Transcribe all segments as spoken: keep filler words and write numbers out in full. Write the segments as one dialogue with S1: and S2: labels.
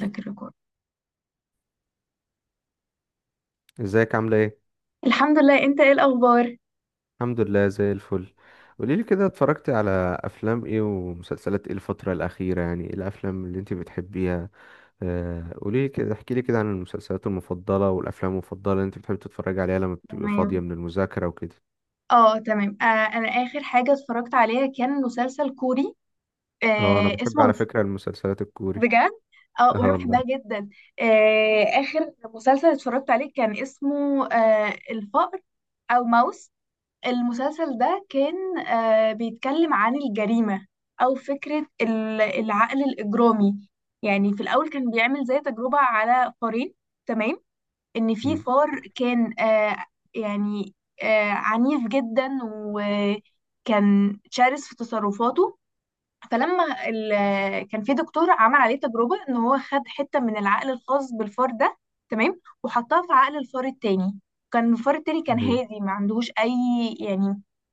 S1: ذاك الريكورد.
S2: ازيك عاملة ايه؟
S1: الحمد لله، انت ايه الاخبار؟
S2: الحمد لله زي الفل. قوليلي كده اتفرجتي على افلام ايه ومسلسلات ايه الفترة الأخيرة؟ يعني ايه الافلام اللي انت بتحبيها؟ آه، قوليلي كده احكيلي كده عن المسلسلات المفضلة والافلام المفضلة اللي انت بتحبي تتفرجي عليها لما بتبقي فاضية
S1: تمام.
S2: من المذاكرة وكده.
S1: اه تمام. آه انا اخر حاجه اتفرجت عليها كان مسلسل كوري.
S2: اه، انا
S1: آه
S2: بحب
S1: اسمه
S2: على
S1: الف-
S2: فكرة المسلسلات الكوري.
S1: بجد. اه، وانا
S2: اه والله.
S1: بحبها جدا. آه اخر مسلسل اتفرجت عليه كان اسمه آه الفأر، او ماوس. المسلسل ده كان آه بيتكلم عن الجريمه، او فكره ال- العقل الاجرامي. يعني في الاول كان بيعمل زي تجربه على فارين. تمام. ان في
S2: مم.
S1: فار كان، آه يعني، آه عنيف جدا وكان شرس في تصرفاته. فلما ال- كان في دكتور عمل عليه تجربة ان هو خد حتة من العقل الخاص بالفار ده، تمام، وحطها في عقل الفار التاني. كان الفار التاني كان
S2: ايوه،
S1: هادي، ما عندهوش اي، يعني،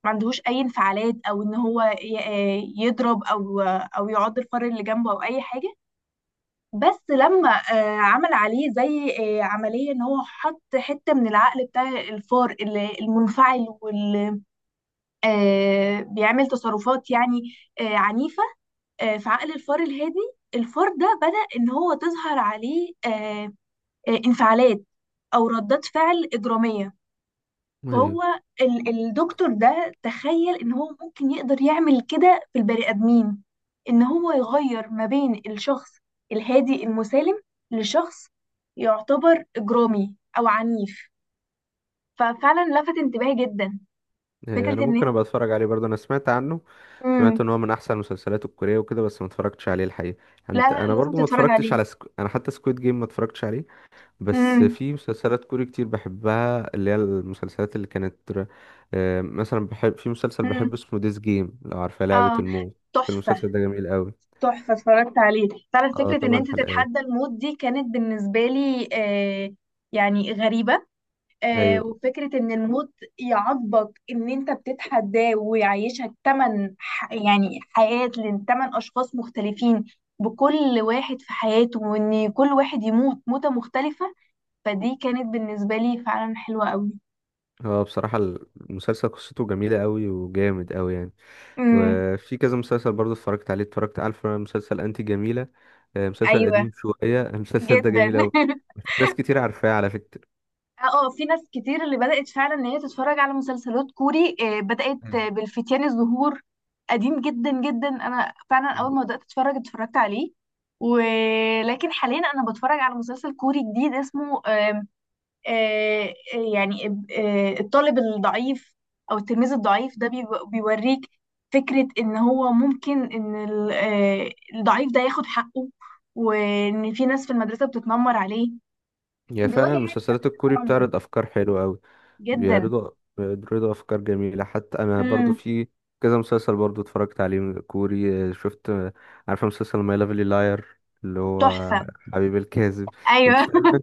S1: ما عندهوش اي انفعالات، او ان هو ي- آه، يضرب، او آه، او يعض الفار اللي جنبه او اي حاجة. بس لما، آه، عمل عليه زي، آه، عملية ان هو حط حتة من العقل بتاع الفار اللي- المنفعل، واللي بيعمل تصرفات، يعني، آه، عنيفة، آه، في عقل الفار الهادي. الفار ده بدأ ان هو تظهر عليه، آه، آه، انفعالات، او ردات فعل إجرامية.
S2: ايوه،
S1: فهو ال- الدكتور ده تخيل ان هو ممكن يقدر يعمل كده في البني ادمين، ان هو يغير ما بين الشخص الهادي المسالم، لشخص يعتبر اجرامي او عنيف. ففعلا لفت انتباهي جدا
S2: ايوه، انا
S1: فكرة ان
S2: ممكن
S1: انت.
S2: ابقى اتفرج عليه برضه، انا سمعت عنه. سمعت
S1: مم.
S2: ان هو من احسن المسلسلات الكورية وكده، بس ما اتفرجتش عليه الحقيقة.
S1: لا
S2: انت
S1: لا،
S2: انا
S1: لازم
S2: برضه ما
S1: تتفرج
S2: اتفرجتش
S1: عليه.
S2: على سكو... انا حتى سكويد جيم ما اتفرجتش عليه. بس
S1: مم.
S2: في مسلسلات كوري كتير بحبها، اللي هي المسلسلات اللي كانت ر- آه، مثلا بحب في مسلسل،
S1: مم.
S2: بحب اسمه ديز جيم، لو عارفة لعبة
S1: اه.
S2: الموت.
S1: تحفة.
S2: المسلسل ده جميل قوي.
S1: تحفة، اتفرجت عليه فعلا.
S2: اه
S1: فكرة ان
S2: تمن
S1: انت
S2: حلقات.
S1: تتحدى الموت دي كانت بالنسبة لي، آه يعني، غريبة. آه
S2: ايوه،
S1: وفكرة إن الموت يعاقبك إن أنت بتتحداه، ويعيشك تمن ح- يعني حياة لتمن أشخاص مختلفين، بكل واحد في حياته، وإن كل واحد يموت موتة مختلفة. فدي كانت بالنسبة لي فعلا حلوة أوي.
S2: هو بصراحة المسلسل قصته جميلة قوي وجامد قوي يعني.
S1: امم.
S2: وفي كذا مسلسل برضه اتفرجت عليه. اتفرجت، عارفة مسلسل انتي جميلة؟ آه، مسلسل
S1: أيوة.
S2: قديم شوية المسلسل ده
S1: جدا.
S2: جميل قوي. ناس كتير عارفاه على فكرة.
S1: اه، آه، في ناس كتير اللي بدأت فعلا ان هي تتفرج على مسلسلات كوري، آه، بدأت آه، بالفتيان الزهور. قديم جدا جدا. انا فعلا
S2: مم.
S1: اول ما بدأت اتفرج اتفرجت عليه. ولكن حاليا انا بتفرج على مسلسل كوري جديد اسمه آم، آه، آه، يعني، آه، الطالب الضعيف، او التلميذ الضعيف ده بيو- بيوريك فكرة ان هو ممكن ان ال- آه، الضعيف ده ياخد حقه، وان في ناس في المدرسة بتتنمر عليه،
S2: هي
S1: بيواجه
S2: فعلا
S1: يعني
S2: المسلسلات الكوري
S1: تنمر
S2: بتعرض افكار حلوة قوي.
S1: جدا.
S2: بيعرضوا بيعرضوا افكار جميله. حتى انا برضو
S1: امم.
S2: في كذا مسلسل برضو اتفرجت عليه، من- كوري. آه، شفت آه، عارفه مسلسل ماي لافلي لاير، اللي هو
S1: تحفة.
S2: حبيب الكاذب. انت
S1: ايوه.
S2: تقريباً-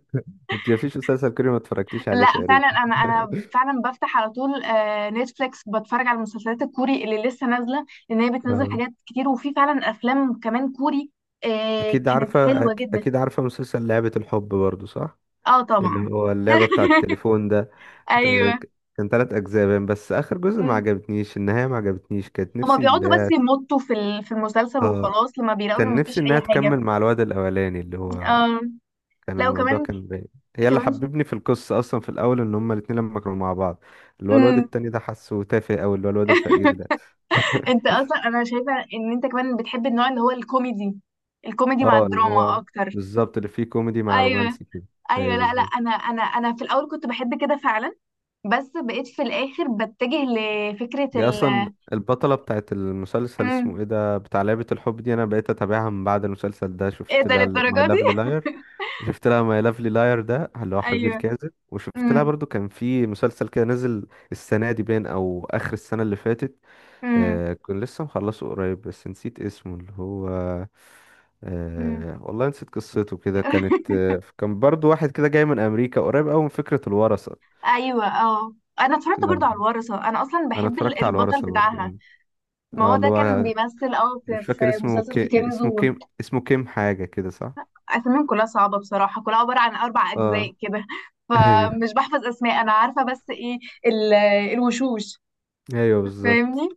S2: انت مفيش مسلسل كوري ما اتفرجتيش عليه
S1: لا، فعلا
S2: تقريبا.
S1: انا انا فعلا بفتح على طول آه، نتفليكس بتفرج على المسلسلات الكوري اللي لسه نازلة، لان هي بتنزل
S2: اه،
S1: حاجات كتير، وفي فعلا افلام كمان كوري آه،
S2: اكيد
S1: كانت
S2: عارفه أك-
S1: حلوة جدا.
S2: اكيد عارفه مسلسل لعبه الحب برضو، صح؟
S1: اه،
S2: اللي
S1: طبعا.
S2: هو اللعبه بتاع التليفون ده.
S1: ايوه.
S2: أنت- كان ثلاث اجزاء باين، بس اخر جزء ما
S1: مم.
S2: عجبتنيش النهايه، ما عجبتنيش، كانت
S1: هما
S2: نفسي اللي
S1: بيقعدوا بس
S2: هي
S1: يمطوا في ال- في المسلسل،
S2: اه،
S1: وخلاص لما بيلاقوا انه
S2: كان نفسي
S1: مفيش
S2: انها
S1: اي حاجه.
S2: تكمل مع الواد الاولاني اللي هو
S1: اه.
S2: كان
S1: لا،
S2: الموضوع
S1: وكمان،
S2: كان باين. هي اللي
S1: كمان.
S2: حببني في القصة أصلا في الأول، إن هما الاتنين لما كانوا مع بعض اللي هو الواد
S1: مم.
S2: التاني ده، حاسه تافه أوي اللي هو الواد الفقير ده.
S1: انت اصلا انا شايفه ان انت كمان بتحب النوع اللي هو الكوميدي، الكوميدي مع
S2: اه، اللي
S1: الدراما
S2: هو
S1: اكتر.
S2: بالظبط اللي فيه كوميدي مع
S1: ايوه.
S2: رومانسي كده. هي
S1: ايوه، لا لا،
S2: بالظبط.
S1: انا انا انا في الاول كنت بحب كده فعلا، بس بقيت في الاخر بتجه لفكره
S2: هي
S1: ال
S2: أصلا البطلة بتاعت المسلسل اسمه
S1: مم.
S2: ايه ده، بتاع لعبة الحب دي، أنا بقيت أتابعها من بعد المسلسل ده.
S1: ايه
S2: شفت
S1: ده،
S2: لها ماي
S1: للدرجه دي؟
S2: لافلي لاير. شفت لها ماي لافلي لاير، ده اللي هو حبيبي
S1: ايوه.
S2: الكاذب، وشفت لها
S1: امم.
S2: برضو كان في مسلسل كده نزل السنة دي باين، أو آخر السنة اللي فاتت.
S1: امم.
S2: آه كنت لسه مخلصه قريب، بس نسيت اسمه اللي هو
S1: امم.
S2: آه والله نسيت قصته كده، كانت آه كان برضو واحد كده جاي من أمريكا، قريب أوي من فكرة الورثة.
S1: ايوه. اه، انا اتفرجت
S2: لا،
S1: برضو على الورثه، انا اصلا
S2: أنا
S1: بحب ال-
S2: اتفرجت على
S1: البطل
S2: الورثة
S1: بتاعها.
S2: برضو.
S1: ما
S2: اه،
S1: هو
S2: اللي
S1: ده كان
S2: هو
S1: بيمثل، اه، في
S2: مش
S1: في
S2: فاكر اسمه،
S1: مسلسل في
S2: كي
S1: كان
S2: اسمه
S1: زور.
S2: كيم اسمه كيم حاجة كده، صح؟
S1: اساميهم كلها صعبه بصراحه، كلها عباره عن اربع
S2: اه
S1: اجزاء كده،
S2: ايوه،
S1: فمش بحفظ اسماء، انا عارفه بس ايه، ال- الوشوش،
S2: ايوه بالظبط.
S1: فاهمني.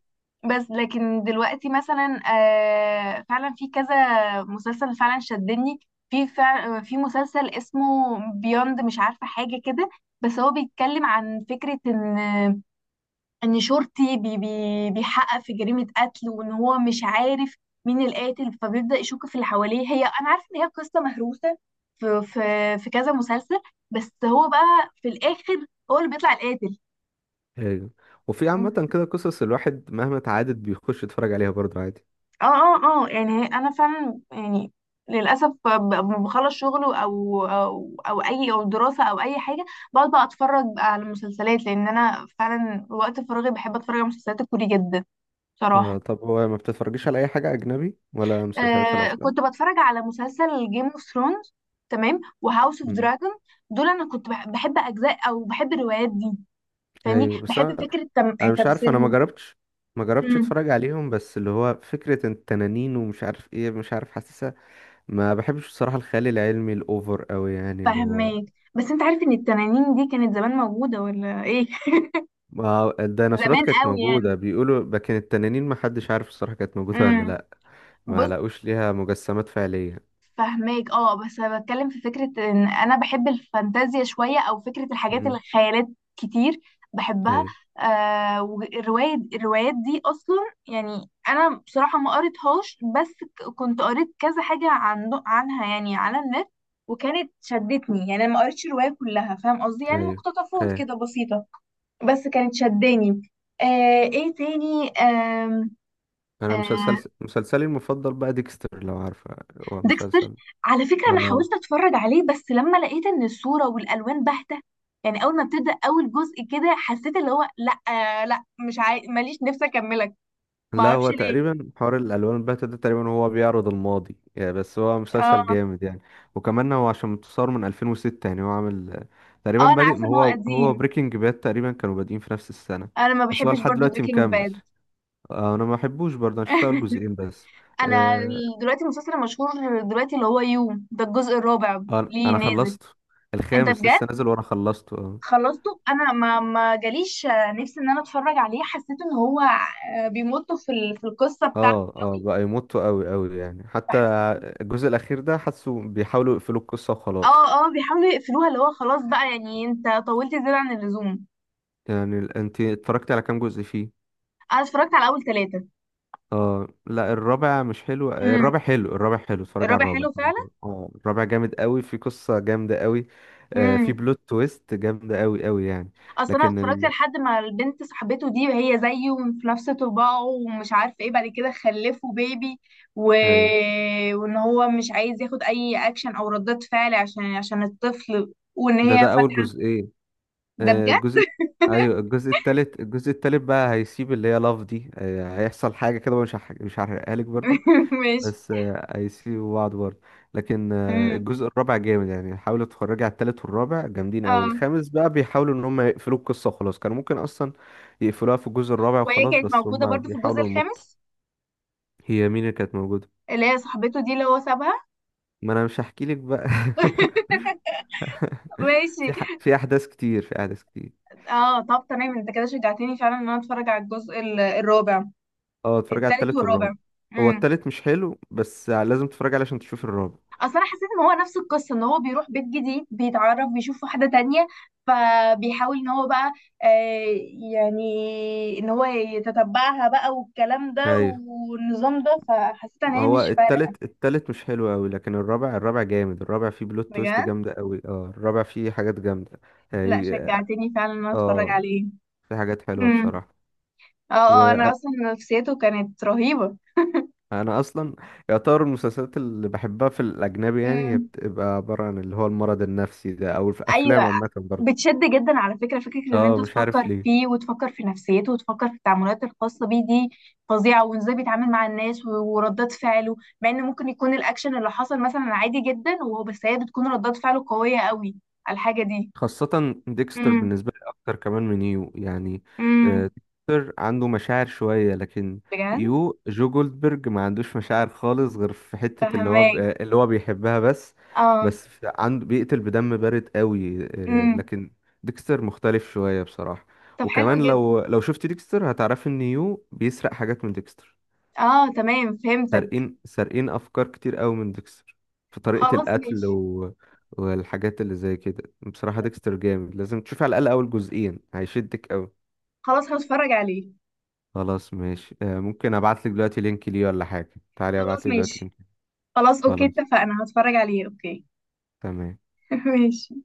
S1: بس لكن دلوقتي مثلا، آه فعلا في كذا مسلسل فعلا شدني. في فع- في مسلسل اسمه بيوند، مش عارفة حاجة كده. بس هو بيتكلم عن فكرة ان ان شرطي، بي بي بيحقق في جريمة قتل، وان هو مش عارف مين القاتل، فبيبدأ يشك في اللي حواليه. هي انا عارفة ان هي قصة مهروسة في في في كذا مسلسل، بس هو بقى في الاخر هو اللي بيطلع القاتل.
S2: ايوه، وفي عامة كده قصص الواحد مهما اتعادت بيخش يتفرج عليها برضو عادي.
S1: اه، اه، اه، يعني هي- انا فعلا، يعني، للاسف ب- ب- لما بخلص شغل او او او اي، او دراسه، او اي حاجه، بقعد بقى اتفرج بقى على مسلسلات، لان انا فعلا وقت فراغي بحب اتفرج على مسلسلات الكوري جدا
S2: آه
S1: بصراحه.
S2: طب هو ما بتتفرجيش على أي حاجة أجنبي ولا مسلسلات ولا
S1: آه
S2: أفلام؟
S1: كنت بتفرج على مسلسل جيم اوف ثرونز، تمام، وهاوس اوف
S2: مم.
S1: دراجون. دول انا كنت بح- بحب اجزاء او بحب الروايات دي، فاهمني،
S2: ايوه، بس
S1: بحب
S2: انا
S1: فكره تم...
S2: انا مش عارف، انا ما
S1: تمثيلهم.
S2: جربتش ما جربتش
S1: امم.
S2: اتفرج عليهم، بس اللي هو فكرة التنانين ومش عارف ايه، مش عارف حاسسها. ما بحبش بصراحة الخيال العلمي الاوفر قوي، يعني اللي هو
S1: فهماك. بس انت عارف ان التنانين دي كانت زمان موجوده ولا ايه؟
S2: ما الديناصورات
S1: زمان
S2: كانت
S1: قوي يعني.
S2: موجودة بيقولوا، لكن التنانين ما حدش عارف الصراحة كانت موجودة ولا
S1: امم.
S2: لا. ما
S1: بص.
S2: لقوش ليها مجسمات فعلية.
S1: فهماك، اه، بس انا بتكلم في فكره ان انا بحب الفانتازيا شويه، او فكره الحاجات اللي
S2: امم.
S1: خيالات كتير بحبها.
S2: ايوه.
S1: آه والروايه الروايات دي اصلا، يعني انا بصراحه ما قريتهاش، بس ك- كنت قريت كذا حاجه عن عنها يعني على النت، وكانت شدتني، يعني انا ما قريتش الروايه كلها، فاهم قصدي، يعني
S2: ايوه،
S1: مقتطفات
S2: فاهم.
S1: كده بسيطه، بس كانت شداني. آه ايه تاني؟ آم،
S2: انا مسلسل
S1: آه،
S2: مسلسلي المفضل بقى ديكستر، لو عارفة. هو
S1: ديكستر،
S2: مسلسل
S1: على فكرة أنا حاولت
S2: اه
S1: أتفرج عليه، بس لما لقيت إن الصورة والألوان باهتة، يعني أول ما ابتدى أول جزء كده، حسيت اللي هو لأ، آه لأ، مش عاي... ماليش نفسي أكملك.
S2: لا،
S1: معرفش
S2: هو
S1: ليه.
S2: تقريبا حوار الالوان الباهتة ده، تقريبا هو بيعرض الماضي يعني، بس هو مسلسل
S1: اه.
S2: جامد يعني. وكمان هو عشان متصور من ألفين وستة يعني، هو عامل آه، تقريبا
S1: اه، أنا
S2: بادئ
S1: عارفة
S2: ما
S1: إن هو
S2: هو. هو
S1: قديم.
S2: بريكنج باد تقريبا كانوا بادئين في نفس السنة،
S1: أنا ما
S2: بس هو
S1: بحبش
S2: لحد
S1: برضو
S2: دلوقتي
S1: بريكنج
S2: مكمل.
S1: باد.
S2: آه، انا ما بحبوش برضه، انا شفت اول جزئين بس.
S1: أنا
S2: آه،
S1: دلوقتي المسلسل المشهور دلوقتي اللي هو يو، ده الجزء الرابع.
S2: انا
S1: ليه
S2: أنا
S1: نازل.
S2: خلصته.
S1: أنت
S2: الخامس
S1: بجد؟
S2: لسه نازل وانا خلصته، اه.
S1: خلصته. انا ما ما جاليش آه، نفسي ان انا اتفرج عليه، حسيت ان هو آه، بيمط في ال- في القصه بتاعته
S2: اه، اه، بقى يمطوا قوي قوي يعني. حتى
S1: قوي.
S2: الجزء الاخير ده حاسه بيحاولوا يقفلوا القصة
S1: اه،
S2: وخلاص.
S1: اه، بيحاولوا يقفلوها، اللي هو خلاص بقى، يعني انت طولت زيادة عن اللزوم.
S2: يعني ال- انت اتفرجت على كام جزء فيه؟
S1: انا اتفرجت على اول ثلاثة.
S2: اه، لا، الرابع مش حلو
S1: امم.
S2: الرابع حلو، الرابع حلو، اتفرج على
S1: الرابع
S2: الرابع،
S1: حلو
S2: الرابع
S1: فعلا.
S2: جامد. اه، الرابع جامد قوي، في قصة جامدة قوي. آه في
S1: امم.
S2: بلوت تويست جامدة قوي قوي يعني.
S1: اصل انا
S2: لكن
S1: اتفرجت
S2: ال...
S1: لحد ما البنت صاحبته دي هي زيه وفي نفس طباعه، ومش عارف ايه، بعد كده خلفوا بيبي، و...
S2: أيوة.
S1: وان هو مش عايز ياخد اي اكشن او ردات فعل عشان عشان الطفل، وان
S2: ده
S1: هي
S2: ده اول
S1: فاتحة.
S2: جزئين.
S1: ده
S2: آه
S1: بجد.
S2: الجزء ايوه، الجزء التالت الجزء التالت بقى هيسيب اللي هي لاف دي، آه هيحصل حاجة كده، مش هح- مش هحرقها لك برضو،
S1: ماشي.
S2: بس هيسيبوا بعض برضه. لكن آه،
S1: امم.
S2: الجزء الرابع جامد يعني، حاولوا تتفرج على التالت والرابع، جامدين قوي.
S1: اه.
S2: الخامس بقى بيحاولوا ان هم يقفلوا القصة وخلاص، كانوا ممكن اصلا يقفلوها في الجزء الرابع
S1: وهي
S2: وخلاص،
S1: كانت
S2: بس
S1: موجودة
S2: هم
S1: برضو في الجزء
S2: بيحاولوا يمطوا.
S1: الخامس،
S2: هي مين اللي كانت موجودة؟
S1: اللي هي صاحبته دي اللي هو سابها.
S2: ما انا مش هحكي لك بقى.
S1: ماشي.
S2: في ح... في احداث كتير، في احداث كتير.
S1: اه، طب تمام، انت كده شجعتني فعلا ان انا اتفرج على الجزء ال- الرابع.
S2: اه، اتفرج على
S1: التالت
S2: التالت والرابع.
S1: والرابع.
S2: هو
S1: امم.
S2: التالت مش حلو بس لازم تتفرج عليه عشان تشوف الرابع.
S1: اصل انا حسيت ان هو نفس القصه، ان هو بيروح بيت جديد، بيتعرف، بيشوف واحده تانية، فبيحاول ان هو بقى آه يعني ان هو يتتبعها بقى والكلام ده
S2: ايوه،
S1: والنظام ده، فحسيت ان هي
S2: هو
S1: مش فارقه.
S2: التالت التالت مش حلو قوي، لكن الرابع الرابع جامد. الرابع فيه بلوت تويست
S1: بجد.
S2: جامدة قوي. اه الرابع فيه حاجات جامدة.
S1: لا،
S2: هي-
S1: شجعتني فعلا ان انا اتفرج
S2: اه،
S1: عليه.
S2: في حاجات حلوة
S1: امم.
S2: بصراحة.
S1: اه، اه، انا
S2: وانا
S1: اصلا نفسيته كانت رهيبه.
S2: اصلا يعتبر المسلسلات اللي بحبها في الاجنبي، يعني هي
S1: مم.
S2: بتبقى عبارة عن اللي هو المرض النفسي ده، او في افلام
S1: ايوه.
S2: عامة برضه.
S1: بتشد جدا على فكره، فكره ان انت
S2: اه، مش عارف
S1: تفكر
S2: ليه.
S1: فيه وتفكر في نفسيته وتفكر في التعاملات الخاصه بيه دي فظيعه، وازاي بيتعامل مع الناس و- وردات فعله، مع ان ممكن يكون الاكشن اللي حصل مثلا عادي جدا، وهو بس هي بتكون ردات فعله قويه قوي على الحاجه دي.
S2: خاصة ديكستر
S1: امم.
S2: بالنسبة لي أكتر كمان من يو يعني.
S1: امم.
S2: آه، ديكستر عنده مشاعر شوية، لكن
S1: بجد.
S2: يو جو جولدبرج ما عندوش مشاعر خالص، غير في حتة اللي هو ب-
S1: فهماك.
S2: آه، اللي هو بيحبها بس.
S1: اه.
S2: بس في- عنده بيقتل بدم بارد قوي، آه،
S1: امم.
S2: لكن ديكستر مختلف شوية بصراحة.
S1: طب حلو
S2: وكمان
S1: جدا.
S2: لو لو شفت ديكستر هتعرفي إن يو بيسرق حاجات من ديكستر.
S1: اه، تمام، فهمتك.
S2: سارقين سارقين افكار كتير قوي من ديكستر في طريقة
S1: خلاص،
S2: القتل
S1: ماشي.
S2: و... والحاجات اللي زي كده. بصراحة ديكستر جامد، لازم تشوف على الاقل اول جزئين، هيشدك قوي.
S1: خلاص، هتفرج عليه.
S2: خلاص ماشي، آه، ممكن ابعت لك دلوقتي لينك ليه ولا حاجة. تعالي ابعت
S1: خلاص،
S2: لك دلوقتي
S1: ماشي.
S2: لينك.
S1: خلاص، اوكي،
S2: خلاص.
S1: اتفقنا، هتفرج عليه، اوكي.
S2: تمام.
S1: ماشي.